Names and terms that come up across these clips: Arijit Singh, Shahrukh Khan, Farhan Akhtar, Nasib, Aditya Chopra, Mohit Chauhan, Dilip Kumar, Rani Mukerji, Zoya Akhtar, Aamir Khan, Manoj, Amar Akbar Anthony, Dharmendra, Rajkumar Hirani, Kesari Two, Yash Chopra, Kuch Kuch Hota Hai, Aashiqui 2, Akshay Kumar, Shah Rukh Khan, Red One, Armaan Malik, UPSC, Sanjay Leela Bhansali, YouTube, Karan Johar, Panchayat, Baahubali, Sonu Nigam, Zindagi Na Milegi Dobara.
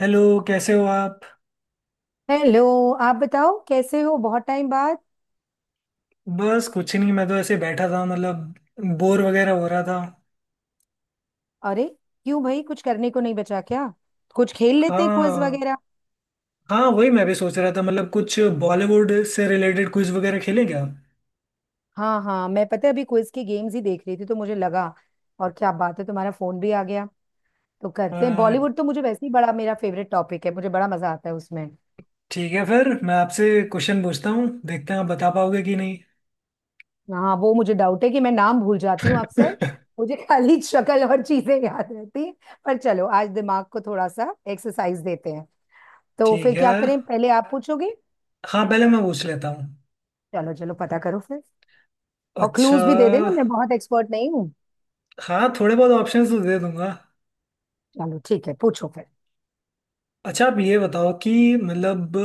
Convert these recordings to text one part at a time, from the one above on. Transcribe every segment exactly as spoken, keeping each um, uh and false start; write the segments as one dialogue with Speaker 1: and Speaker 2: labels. Speaker 1: Hello. कैसे हो आप।
Speaker 2: हेलो। आप बताओ कैसे हो? बहुत टाइम बाद।
Speaker 1: बस कुछ नहीं, मैं तो ऐसे बैठा था मतलब बोर वगैरह हो रहा था।
Speaker 2: अरे क्यों भाई? कुछ करने को नहीं बचा क्या? कुछ खेल लेते हैं, क्विज
Speaker 1: हाँ,
Speaker 2: वगैरह।
Speaker 1: हाँ वही मैं भी सोच रहा था, मतलब कुछ बॉलीवुड से रिलेटेड क्विज वगैरह खेलें क्या।
Speaker 2: हाँ हाँ मैं, पता है अभी क्विज की गेम्स ही देख रही थी तो मुझे लगा, और क्या बात है, तुम्हारा फोन भी आ गया। तो करते हैं
Speaker 1: अ,
Speaker 2: बॉलीवुड, तो मुझे वैसे ही बड़ा, मेरा फेवरेट टॉपिक है, मुझे बड़ा मजा आता है उसमें।
Speaker 1: ठीक है, फिर मैं आपसे क्वेश्चन पूछता हूँ, देखते हैं आप बता पाओगे कि नहीं।
Speaker 2: हाँ वो मुझे डाउट है कि मैं नाम भूल जाती हूँ अक्सर। मुझे खाली शक्ल और चीजें याद रहती हैं। पर चलो आज दिमाग को थोड़ा सा एक्सरसाइज देते हैं। तो फिर
Speaker 1: ठीक है।
Speaker 2: क्या करें, पहले आप पूछोगे?
Speaker 1: हाँ पहले मैं पूछ लेता हूँ।
Speaker 2: चलो चलो पता करो फिर। और
Speaker 1: अच्छा,
Speaker 2: क्लूज भी दे देना, मैं बहुत एक्सपर्ट नहीं हूँ।
Speaker 1: हाँ थोड़े बहुत ऑप्शंस तो दे दूंगा।
Speaker 2: चलो ठीक है, पूछो फिर।
Speaker 1: अच्छा आप ये बताओ कि मतलब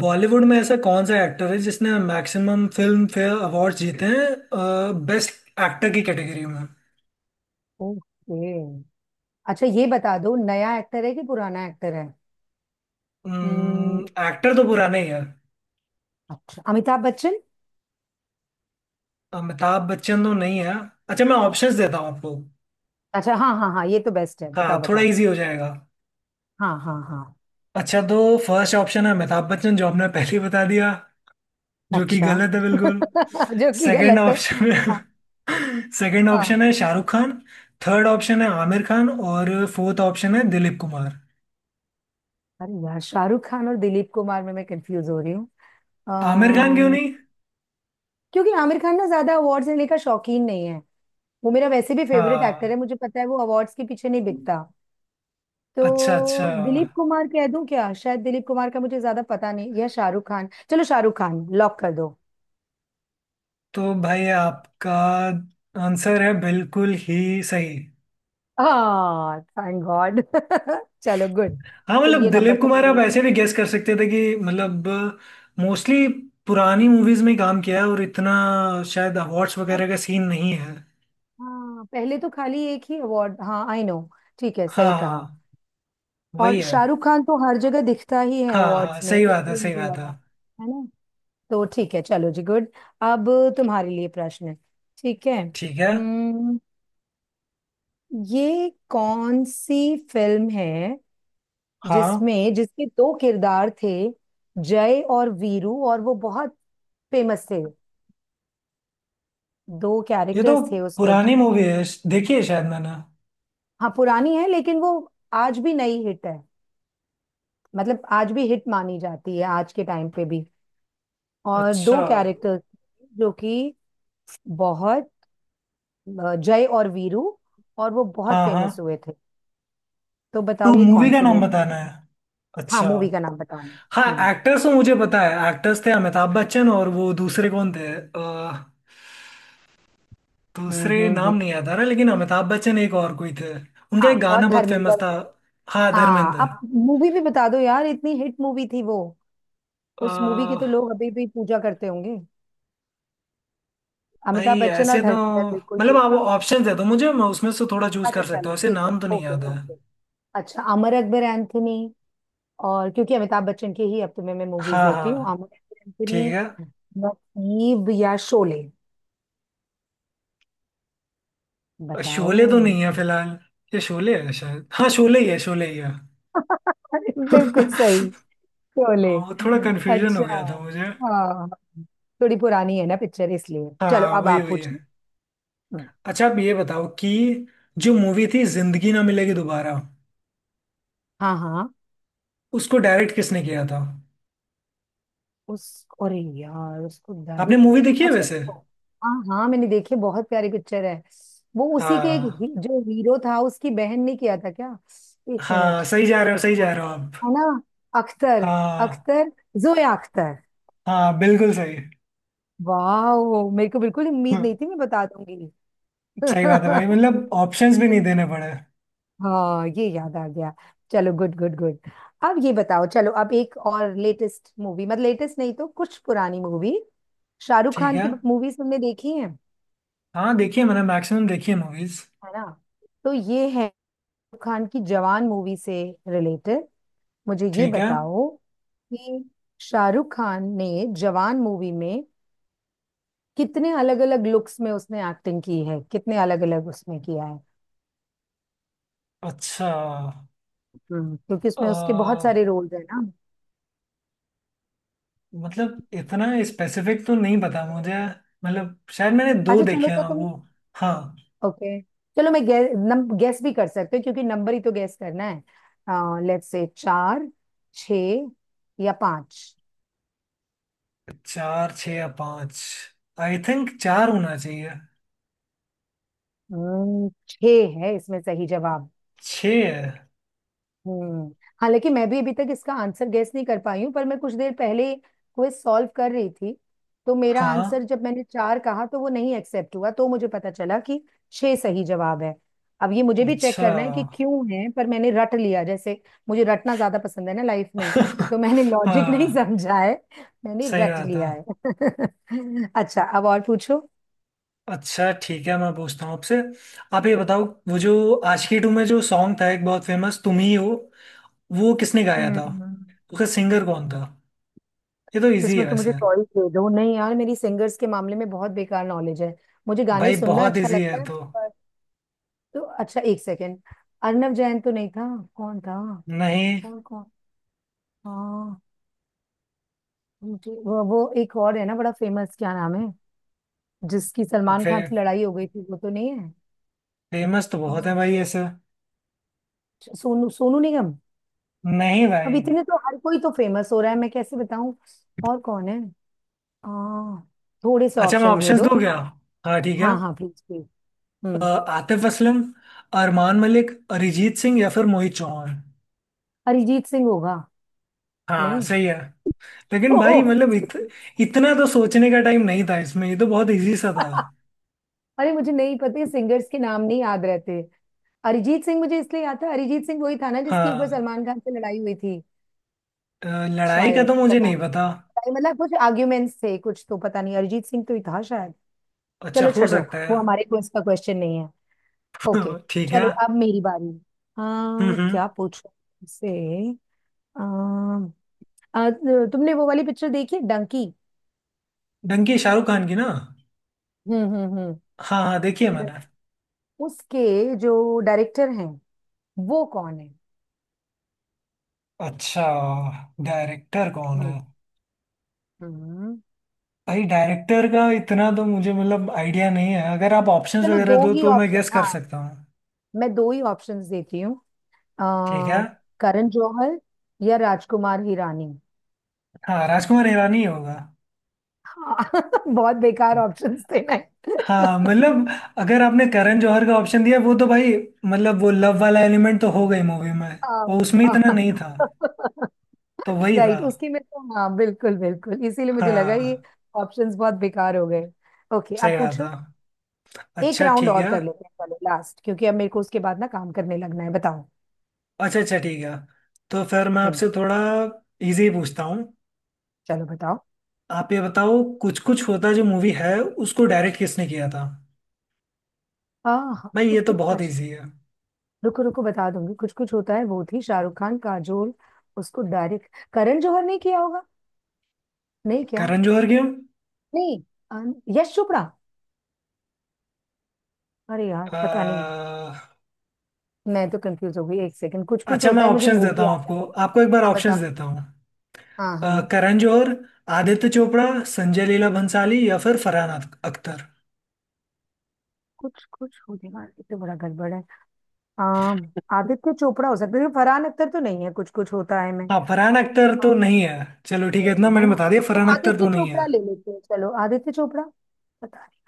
Speaker 1: बॉलीवुड में ऐसा कौन सा एक्टर है जिसने मैक्सिमम फिल्म फेयर अवार्ड्स जीते हैं बेस्ट एक्टर की कैटेगरी में।
Speaker 2: ओके। अच्छा ये बता दो, नया एक्टर है कि पुराना एक्टर है? हम्म,
Speaker 1: एक्टर तो पुराने ही है।
Speaker 2: अच्छा अमिताभ बच्चन।
Speaker 1: अमिताभ बच्चन तो नहीं है। अच्छा मैं ऑप्शंस देता हूँ आपको।
Speaker 2: अच्छा हाँ हाँ हाँ, ये तो बेस्ट है,
Speaker 1: हाँ
Speaker 2: बताओ
Speaker 1: थोड़ा
Speaker 2: बताओ।
Speaker 1: इजी हो जाएगा।
Speaker 2: हाँ हाँ हाँ।
Speaker 1: अच्छा तो फर्स्ट ऑप्शन है अमिताभ बच्चन, जो आपने पहले ही बता दिया, जो कि
Speaker 2: अच्छा
Speaker 1: गलत है बिल्कुल।
Speaker 2: जो कि
Speaker 1: सेकंड
Speaker 2: गलत है।
Speaker 1: ऑप्शन
Speaker 2: हाँ।
Speaker 1: है। सेकंड
Speaker 2: हाँ।
Speaker 1: ऑप्शन है शाहरुख खान। थर्ड ऑप्शन है आमिर खान और फोर्थ ऑप्शन है दिलीप कुमार।
Speaker 2: अरे यार शाहरुख खान और दिलीप कुमार में मैं कंफ्यूज हो रही हूँ।
Speaker 1: आमिर खान क्यों
Speaker 2: अम्म,
Speaker 1: नहीं।
Speaker 2: क्योंकि आमिर खान ना ज्यादा अवार्ड्स लेने का शौकीन नहीं है। वो मेरा वैसे भी फेवरेट एक्टर
Speaker 1: हाँ।
Speaker 2: है, मुझे पता है वो अवार्ड्स के पीछे नहीं बिकता।
Speaker 1: अच्छा अच्छा
Speaker 2: तो दिलीप कुमार कह दूं क्या? शायद दिलीप कुमार का मुझे ज्यादा पता नहीं, या शाहरुख खान, चलो शाहरुख खान लॉक कर दो।
Speaker 1: तो भाई आपका आंसर है बिल्कुल ही सही।
Speaker 2: हाँ थैंक गॉड। चलो गुड।
Speaker 1: हाँ
Speaker 2: तो
Speaker 1: मतलब
Speaker 2: ये नंबर
Speaker 1: दिलीप
Speaker 2: तो
Speaker 1: कुमार आप
Speaker 2: मेरे,
Speaker 1: ऐसे भी गेस कर सकते थे कि मतलब मोस्टली पुरानी मूवीज में काम किया है और इतना शायद अवार्ड्स
Speaker 2: और
Speaker 1: वगैरह का सीन नहीं है।
Speaker 2: हाँ पहले तो खाली एक ही अवार्ड, हाँ आई नो, ठीक है सही
Speaker 1: हाँ
Speaker 2: कहा।
Speaker 1: हाँ वही
Speaker 2: और
Speaker 1: है।
Speaker 2: शाहरुख खान तो हर जगह दिखता ही है
Speaker 1: हाँ हाँ
Speaker 2: अवार्ड्स में
Speaker 1: सही बात है,
Speaker 2: इसलिए
Speaker 1: सही
Speaker 2: मुझे
Speaker 1: बात है।
Speaker 2: लगा। है ना। तो ठीक है चलो जी गुड। अब तुम्हारे लिए प्रश्न है, ठीक है?
Speaker 1: ठीक है।
Speaker 2: हम्म, ये कौन सी फिल्म है
Speaker 1: हाँ
Speaker 2: जिसमें जिसके दो किरदार थे, जय और वीरू, और वो बहुत फेमस थे। दो
Speaker 1: ये तो
Speaker 2: कैरेक्टर्स थे उसमें ज-
Speaker 1: पुरानी मूवी है, देखी है शायद मैंने।
Speaker 2: हाँ पुरानी है, लेकिन वो आज भी नई हिट है, मतलब आज भी हिट मानी जाती है आज के टाइम पे भी। और
Speaker 1: अच्छा।
Speaker 2: दो कैरेक्टर्स जो कि बहुत, अ, जय और वीरू, और वो बहुत
Speaker 1: हाँ
Speaker 2: फेमस
Speaker 1: हाँ
Speaker 2: हुए थे। तो
Speaker 1: तो
Speaker 2: बताओ ये
Speaker 1: मूवी
Speaker 2: कौन
Speaker 1: का
Speaker 2: सी
Speaker 1: नाम
Speaker 2: मूवी?
Speaker 1: बताना है।
Speaker 2: हाँ
Speaker 1: अच्छा।
Speaker 2: मूवी का नाम बताना।
Speaker 1: हाँ
Speaker 2: हम्म
Speaker 1: एक्टर्स तो मुझे पता है, एक्टर्स थे अमिताभ बच्चन और वो दूसरे कौन थे अ,
Speaker 2: हम्म
Speaker 1: दूसरे
Speaker 2: हम्म। हम्म।
Speaker 1: नाम नहीं याद आ रहा, लेकिन अमिताभ बच्चन एक और कोई थे, उनका
Speaker 2: हाँ
Speaker 1: एक
Speaker 2: और
Speaker 1: गाना बहुत फेमस
Speaker 2: धर्मेंद्र।
Speaker 1: था। हाँ
Speaker 2: हाँ
Speaker 1: धर्मेंद्र।
Speaker 2: अब मूवी भी बता दो यार, इतनी हिट मूवी थी वो, उस मूवी की तो
Speaker 1: अ,
Speaker 2: लोग अभी भी पूजा करते होंगे।
Speaker 1: भाई
Speaker 2: अमिताभ बच्चन और
Speaker 1: ऐसे तो
Speaker 2: धर्मेंद्र बिल्कुल
Speaker 1: मतलब
Speaker 2: ठीक
Speaker 1: आप
Speaker 2: था।
Speaker 1: ऑप्शन दे दो मुझे, मैं उसमें से थोड़ा चूज
Speaker 2: अच्छा
Speaker 1: कर सकता
Speaker 2: चलो
Speaker 1: हूँ, ऐसे
Speaker 2: ठीक है,
Speaker 1: नाम तो नहीं
Speaker 2: ओके
Speaker 1: याद है।
Speaker 2: ओके। अच्छा अमर अकबर एंथनी, और क्योंकि अमिताभ बच्चन की ही अब तो मैं मैं मूवीज
Speaker 1: हाँ
Speaker 2: देखती हूँ।
Speaker 1: हाँ
Speaker 2: अमर अकबर एंथनी,
Speaker 1: ठीक है।
Speaker 2: नसीब, या शोले? बताओ।
Speaker 1: शोले तो नहीं है फिलहाल, ये शोले है शायद, हाँ शोले ही है, शोले ही है।
Speaker 2: बिल्कुल सही,
Speaker 1: अ,
Speaker 2: शोले।
Speaker 1: वो थोड़ा कन्फ्यूजन हो
Speaker 2: अच्छा,
Speaker 1: गया था मुझे।
Speaker 2: हाँ, थोड़ी पुरानी है ना पिक्चर इसलिए। चलो
Speaker 1: हाँ
Speaker 2: अब
Speaker 1: वही
Speaker 2: आप
Speaker 1: वही
Speaker 2: पूछिए।
Speaker 1: है।
Speaker 2: हम्म,
Speaker 1: अच्छा आप ये बताओ कि जो मूवी थी जिंदगी ना मिलेगी दोबारा,
Speaker 2: हाँ हाँ।
Speaker 1: उसको डायरेक्ट किसने किया था।
Speaker 2: उस, अरे यार उसको
Speaker 1: आपने
Speaker 2: डायरेक्ट,
Speaker 1: मूवी देखी है
Speaker 2: अच्छा
Speaker 1: वैसे।
Speaker 2: तो- हाँ हाँ मैंने देखी, बहुत प्यारी पिक्चर है वो, उसी के एक ही,
Speaker 1: हाँ,
Speaker 2: जो हीरो था उसकी बहन ने किया था क्या? एक
Speaker 1: हाँ
Speaker 2: मिनट।
Speaker 1: सही जा रहे हो, सही
Speaker 2: हाँ।
Speaker 1: जा रहे हो आप।
Speaker 2: है ना। अख्तर,
Speaker 1: हाँ।
Speaker 2: अख्तर, जोया अख्तर।
Speaker 1: हाँ बिल्कुल सही।
Speaker 2: वाह, मेरे को बिल्कुल उम्मीद
Speaker 1: हम्म,
Speaker 2: नहीं थी मैं बता दूंगी।
Speaker 1: सही बात है भाई, मतलब ऑप्शंस भी नहीं देने पड़े।
Speaker 2: हाँ ये याद आ गया। चलो गुड गुड गुड। अब ये बताओ, चलो अब एक और लेटेस्ट मूवी, मतलब लेटेस्ट नहीं तो कुछ पुरानी मूवी, शाहरुख
Speaker 1: ठीक
Speaker 2: खान
Speaker 1: है।
Speaker 2: की मूवीज तुमने देखी है
Speaker 1: हाँ देखिए मैंने मैक्सिमम देखी है मूवीज।
Speaker 2: है ना? तो ये है, शाहरुख खान की जवान मूवी से रिलेटेड मुझे ये
Speaker 1: ठीक है।
Speaker 2: बताओ, कि शाहरुख खान ने जवान मूवी में कितने अलग अलग लुक्स में उसने एक्टिंग की है, कितने अलग अलग उसमें किया है।
Speaker 1: अच्छा।
Speaker 2: हम्म, क्योंकि उसमें उसके बहुत
Speaker 1: अ,
Speaker 2: सारे रोल्स है ना।
Speaker 1: मतलब इतना स्पेसिफिक तो नहीं पता मुझे, मतलब शायद मैंने दो
Speaker 2: अच्छा चलो
Speaker 1: देखे
Speaker 2: तो
Speaker 1: हैं
Speaker 2: तुम,
Speaker 1: वो। हाँ।
Speaker 2: ओके चलो, मैं गे, नम, गेस भी कर सकते हो, क्योंकि नंबर ही तो गेस करना है, लेट्स से चार, छ, या पांच।
Speaker 1: चार छः या पाँच। आई थिंक चार होना चाहिए।
Speaker 2: हम्म छ है इसमें सही जवाब।
Speaker 1: छः है।
Speaker 2: हम्म। हालांकि मैं भी अभी तक इसका आंसर गैस नहीं कर पाई हूँ, पर मैं कुछ देर पहले क्विज सॉल्व कर रही थी, तो मेरा
Speaker 1: हाँ।
Speaker 2: आंसर जब मैंने चार कहा तो वो नहीं एक्सेप्ट हुआ, तो मुझे पता चला कि छह सही जवाब है। अब ये मुझे भी चेक
Speaker 1: अच्छा।
Speaker 2: करना है कि क्यों है, पर मैंने रट लिया, जैसे मुझे रटना ज्यादा पसंद है ना लाइफ में, तो मैंने लॉजिक नहीं
Speaker 1: हाँ
Speaker 2: समझा है, मैंने
Speaker 1: सही
Speaker 2: रट
Speaker 1: बात है।
Speaker 2: लिया है। अच्छा अब और पूछो।
Speaker 1: अच्छा ठीक है मैं पूछता हूँ आपसे। आप ये बताओ वो जो आशिकी टू में जो सॉन्ग था एक बहुत फेमस तुम ही हो, वो किसने गाया था।
Speaker 2: हम्म।
Speaker 1: उसका सिंगर कौन था। ये तो इजी है
Speaker 2: इसमें तो
Speaker 1: वैसे।
Speaker 2: मुझे चॉइस दे दो, नहीं यार मेरी सिंगर्स के मामले में बहुत बेकार नॉलेज है, मुझे गाने
Speaker 1: भाई
Speaker 2: सुनना
Speaker 1: बहुत
Speaker 2: अच्छा
Speaker 1: इजी
Speaker 2: लगता
Speaker 1: है
Speaker 2: है
Speaker 1: तो।
Speaker 2: पर- तो अच्छा एक सेकेंड, अर्णव जैन तो नहीं था? कौन था?
Speaker 1: नहीं।
Speaker 2: कौन कौन। हाँ मुझे वो, वो एक और है ना बड़ा फेमस, क्या नाम है, जिसकी
Speaker 1: अब
Speaker 2: सलमान
Speaker 1: फे,
Speaker 2: खान से लड़ाई हो गई थी? वो तो नहीं है?
Speaker 1: फेमस तो बहुत है
Speaker 2: हाँ,
Speaker 1: भाई ऐसे।
Speaker 2: सोनू सोनू निगम?
Speaker 1: नहीं
Speaker 2: अब
Speaker 1: भाई।
Speaker 2: इतने तो हर कोई तो फेमस हो रहा है, मैं कैसे बताऊं? और कौन है? हाँ थोड़े से
Speaker 1: अच्छा मैं
Speaker 2: ऑप्शंस दे
Speaker 1: ऑप्शंस
Speaker 2: दो।
Speaker 1: दूँ क्या। हाँ ठीक है।
Speaker 2: हाँ हाँ प्लीज प्लीज।
Speaker 1: अ,
Speaker 2: हम्म।
Speaker 1: आतिफ असलम, अरमान मलिक, अरिजीत सिंह या फिर मोहित चौहान।
Speaker 2: अरिजीत सिंह होगा।
Speaker 1: हाँ
Speaker 2: नहीं।
Speaker 1: सही है। लेकिन भाई
Speaker 2: ओह,
Speaker 1: मतलब इत, इतना तो सोचने का टाइम नहीं था इसमें, ये तो बहुत इजी सा था।
Speaker 2: अरे मुझे नहीं पता, सिंगर्स के नाम नहीं याद रहते। अरिजीत सिंह मुझे इसलिए याद था, अरिजीत सिंह वही था ना जिसकी एक बार
Speaker 1: हाँ।
Speaker 2: सलमान खान से लड़ाई हुई थी।
Speaker 1: अ, लड़ाई का
Speaker 2: शायद
Speaker 1: तो मुझे
Speaker 2: पता
Speaker 1: नहीं
Speaker 2: नहीं
Speaker 1: पता।
Speaker 2: पता नहीं, मतलब कुछ आर्ग्यूमेंट्स थे कुछ, तो पता नहीं, अरिजीत सिंह तो ही था शायद।
Speaker 1: अच्छा
Speaker 2: चलो
Speaker 1: हो
Speaker 2: छोड़ो,
Speaker 1: सकता है।
Speaker 2: वो हमारे क्विज का क्वेश्चन नहीं है। ओके।
Speaker 1: ठीक है।
Speaker 2: चलो अब मेरी बारी।
Speaker 1: हम्म
Speaker 2: आ,
Speaker 1: हम्म।
Speaker 2: क्या पूछो तुमसे। आ, आ, तुमने वो वाली पिक्चर देखी है, डंकी?
Speaker 1: डंकी शाहरुख खान की ना।
Speaker 2: हम्म हम्म हम्म।
Speaker 1: हाँ हाँ देखी है मैंने।
Speaker 2: उसके जो डायरेक्टर हैं वो कौन है?
Speaker 1: अच्छा डायरेक्टर कौन है।
Speaker 2: हम्म। हम्म।
Speaker 1: भाई डायरेक्टर का इतना तो मुझे मतलब आइडिया नहीं है, अगर आप ऑप्शंस
Speaker 2: चलो
Speaker 1: वगैरह
Speaker 2: दो
Speaker 1: दो
Speaker 2: ही
Speaker 1: तो मैं
Speaker 2: ऑप्शन,
Speaker 1: गेस कर
Speaker 2: हाँ
Speaker 1: सकता हूँ।
Speaker 2: मैं दो ही ऑप्शंस देती हूँ। अ,
Speaker 1: ठीक है।
Speaker 2: करण जौहर या राजकुमार हिरानी।
Speaker 1: हाँ राजकुमार ईरानी होगा।
Speaker 2: हाँ बहुत बेकार ऑप्शंस थे ना।
Speaker 1: हाँ मतलब अगर आपने करण जौहर का ऑप्शन दिया वो तो भाई मतलब वो लव वाला एलिमेंट तो हो गई मूवी में, वो उसमें इतना नहीं था, तो वही था।
Speaker 2: राइट उसकी में तो हाँ, बिल्कुल बिल्कुल इसीलिए मुझे लगा ये
Speaker 1: हाँ
Speaker 2: ऑप्शंस बहुत बेकार हो गए। ओके
Speaker 1: सही
Speaker 2: आप
Speaker 1: रहा था।
Speaker 2: पूछो। एक
Speaker 1: अच्छा
Speaker 2: राउंड
Speaker 1: ठीक
Speaker 2: और
Speaker 1: है।
Speaker 2: कर लेते हैं, चलो लास्ट, क्योंकि अब मेरे को उसके बाद ना काम करने लगना है, बताओ।
Speaker 1: अच्छा अच्छा ठीक है। तो फिर मैं
Speaker 2: हम्म।
Speaker 1: आपसे थोड़ा इजी पूछता हूँ।
Speaker 2: चलो बताओ।
Speaker 1: आप ये बताओ कुछ कुछ होता जो मूवी है, उसको डायरेक्ट किसने किया था।
Speaker 2: आह
Speaker 1: भाई ये
Speaker 2: कुछ
Speaker 1: तो
Speaker 2: कुछ,
Speaker 1: बहुत
Speaker 2: अच्छा
Speaker 1: इजी है।
Speaker 2: रुको रुको बता दूंगी, कुछ कुछ होता है, वो थी शाहरुख खान काजोल, उसको डायरेक्ट करण जौहर नहीं किया होगा? नहीं क्या?
Speaker 1: करण जौहर क्यों।
Speaker 2: नहीं, अम, यश चोपड़ा? अरे यार
Speaker 1: अ,
Speaker 2: पता नहीं, मैं तो कंफ्यूज हो गई, एक सेकंड, कुछ कुछ
Speaker 1: अच्छा मैं
Speaker 2: होता है, मुझे
Speaker 1: ऑप्शंस देता
Speaker 2: मूवी
Speaker 1: हूँ
Speaker 2: याद आ
Speaker 1: आपको,
Speaker 2: गई।
Speaker 1: आपको एक बार
Speaker 2: हाँ
Speaker 1: ऑप्शंस
Speaker 2: बताओ,
Speaker 1: देता हूँ।
Speaker 2: हाँ
Speaker 1: अ,
Speaker 2: हाँ।
Speaker 1: करण जौहर, आदित्य चोपड़ा, संजय लीला भंसाली या फिर फरहान अख- अख्तर।
Speaker 2: कुछ कुछ होने वाला, ये तो बड़ा गड़बड़ है। आम, आदित्य चोपड़ा हो सकता है लेकिन फरहान अख्तर तो नहीं है कुछ कुछ होता है मैं,
Speaker 1: हाँ फरहान अख्तर तो नहीं है। चलो ठीक है, इतना
Speaker 2: है
Speaker 1: मैंने
Speaker 2: ना?
Speaker 1: बता दिया
Speaker 2: तो
Speaker 1: फरहान अख्तर
Speaker 2: आदित्य
Speaker 1: तो नहीं है।
Speaker 2: चोपड़ा ले लेते हैं, चलो आदित्य चोपड़ा, पता नहीं,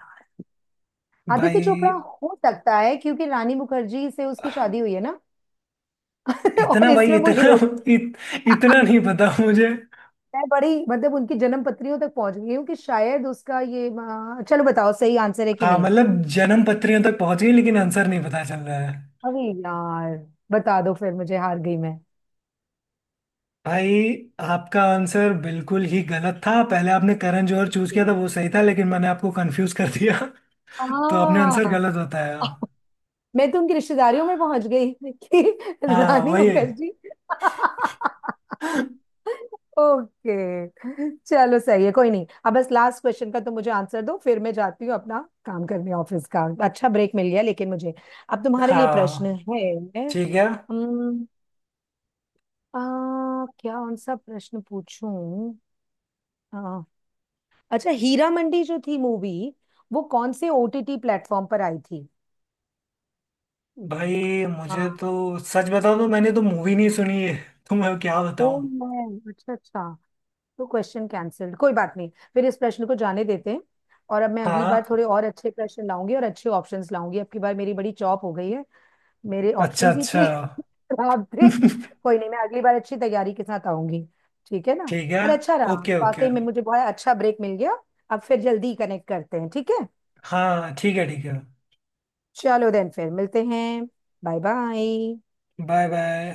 Speaker 2: आदित्य
Speaker 1: भाई
Speaker 2: चोपड़ा हो सकता है क्योंकि रानी मुखर्जी से उसकी शादी हुई है ना। और
Speaker 1: इतना भाई
Speaker 2: इसमें वो
Speaker 1: इतना
Speaker 2: हीरो।
Speaker 1: इत, इतना नहीं पता मुझे।
Speaker 2: मैं बड़ी, मतलब उनकी जन्म पत्रियों तक पहुंच गई हूँ कि शायद उसका ये, अ, चलो बताओ सही आंसर है कि
Speaker 1: हाँ
Speaker 2: नहीं।
Speaker 1: मतलब जन्म पत्रियों तक पहुंच गई लेकिन आंसर नहीं पता चल रहा है।
Speaker 2: अरे यार बता दो फिर, मुझे हार गई मैं।
Speaker 1: भाई आपका आंसर बिल्कुल ही गलत था, पहले आपने करण जौहर चूज किया था वो सही था, लेकिन मैंने आपको कंफ्यूज कर दिया। तो आपने आंसर
Speaker 2: हाँ।
Speaker 1: गलत बताया।
Speaker 2: मैं तो उनकी रिश्तेदारियों में पहुंच गई, कि
Speaker 1: हाँ
Speaker 2: रानी
Speaker 1: वही है।
Speaker 2: मुखर्जी। ओके, चलो सही है कोई नहीं, अब बस लास्ट क्वेश्चन का तो मुझे आंसर दो फिर मैं जाती हूँ अपना काम करने, ऑफिस का अच्छा ब्रेक मिल गया लेकिन मुझे। अब तुम्हारे लिए
Speaker 1: हाँ
Speaker 2: प्रश्न है।
Speaker 1: ठीक है।
Speaker 2: हम्म, आ, क्या कौन सा प्रश्न पूछूं? आ, अच्छा हीरा मंडी जो थी मूवी, वो कौन से ओ टी टी प्लेटफॉर्म पर आई थी?
Speaker 1: भाई मुझे
Speaker 2: हाँ।
Speaker 1: तो सच बताऊं तो मैंने तो मूवी नहीं सुनी है। तो मैं क्या
Speaker 2: ओ
Speaker 1: बताऊं।
Speaker 2: मैं, अच्छा अच्छा, तो क्वेश्चन कैंसिल्ड, कोई बात नहीं, फिर इस प्रश्न को जाने देते हैं। और अब मैं अगली बार
Speaker 1: हाँ
Speaker 2: थोड़े और अच्छे प्रश्न लाऊंगी, और अच्छे ऑप्शंस लाऊंगी, अब की बार मेरी बड़ी चॉप हो गई है, मेरे
Speaker 1: अच्छा
Speaker 2: ऑप्शंस ही
Speaker 1: अच्छा।
Speaker 2: इतने खराब थे। कोई नहीं, मैं अगली बार अच्छी तैयारी के साथ आऊंगी, ठीक है ना?
Speaker 1: ठीक है।
Speaker 2: पर अच्छा रहा
Speaker 1: ओके ओके।
Speaker 2: वाकई में, मुझे बहुत अच्छा ब्रेक मिल गया। अब फिर जल्दी कनेक्ट करते हैं, ठीक है।
Speaker 1: हाँ ठीक है ठीक है।
Speaker 2: चलो देन फिर मिलते हैं। Bye bye.
Speaker 1: Bye bye.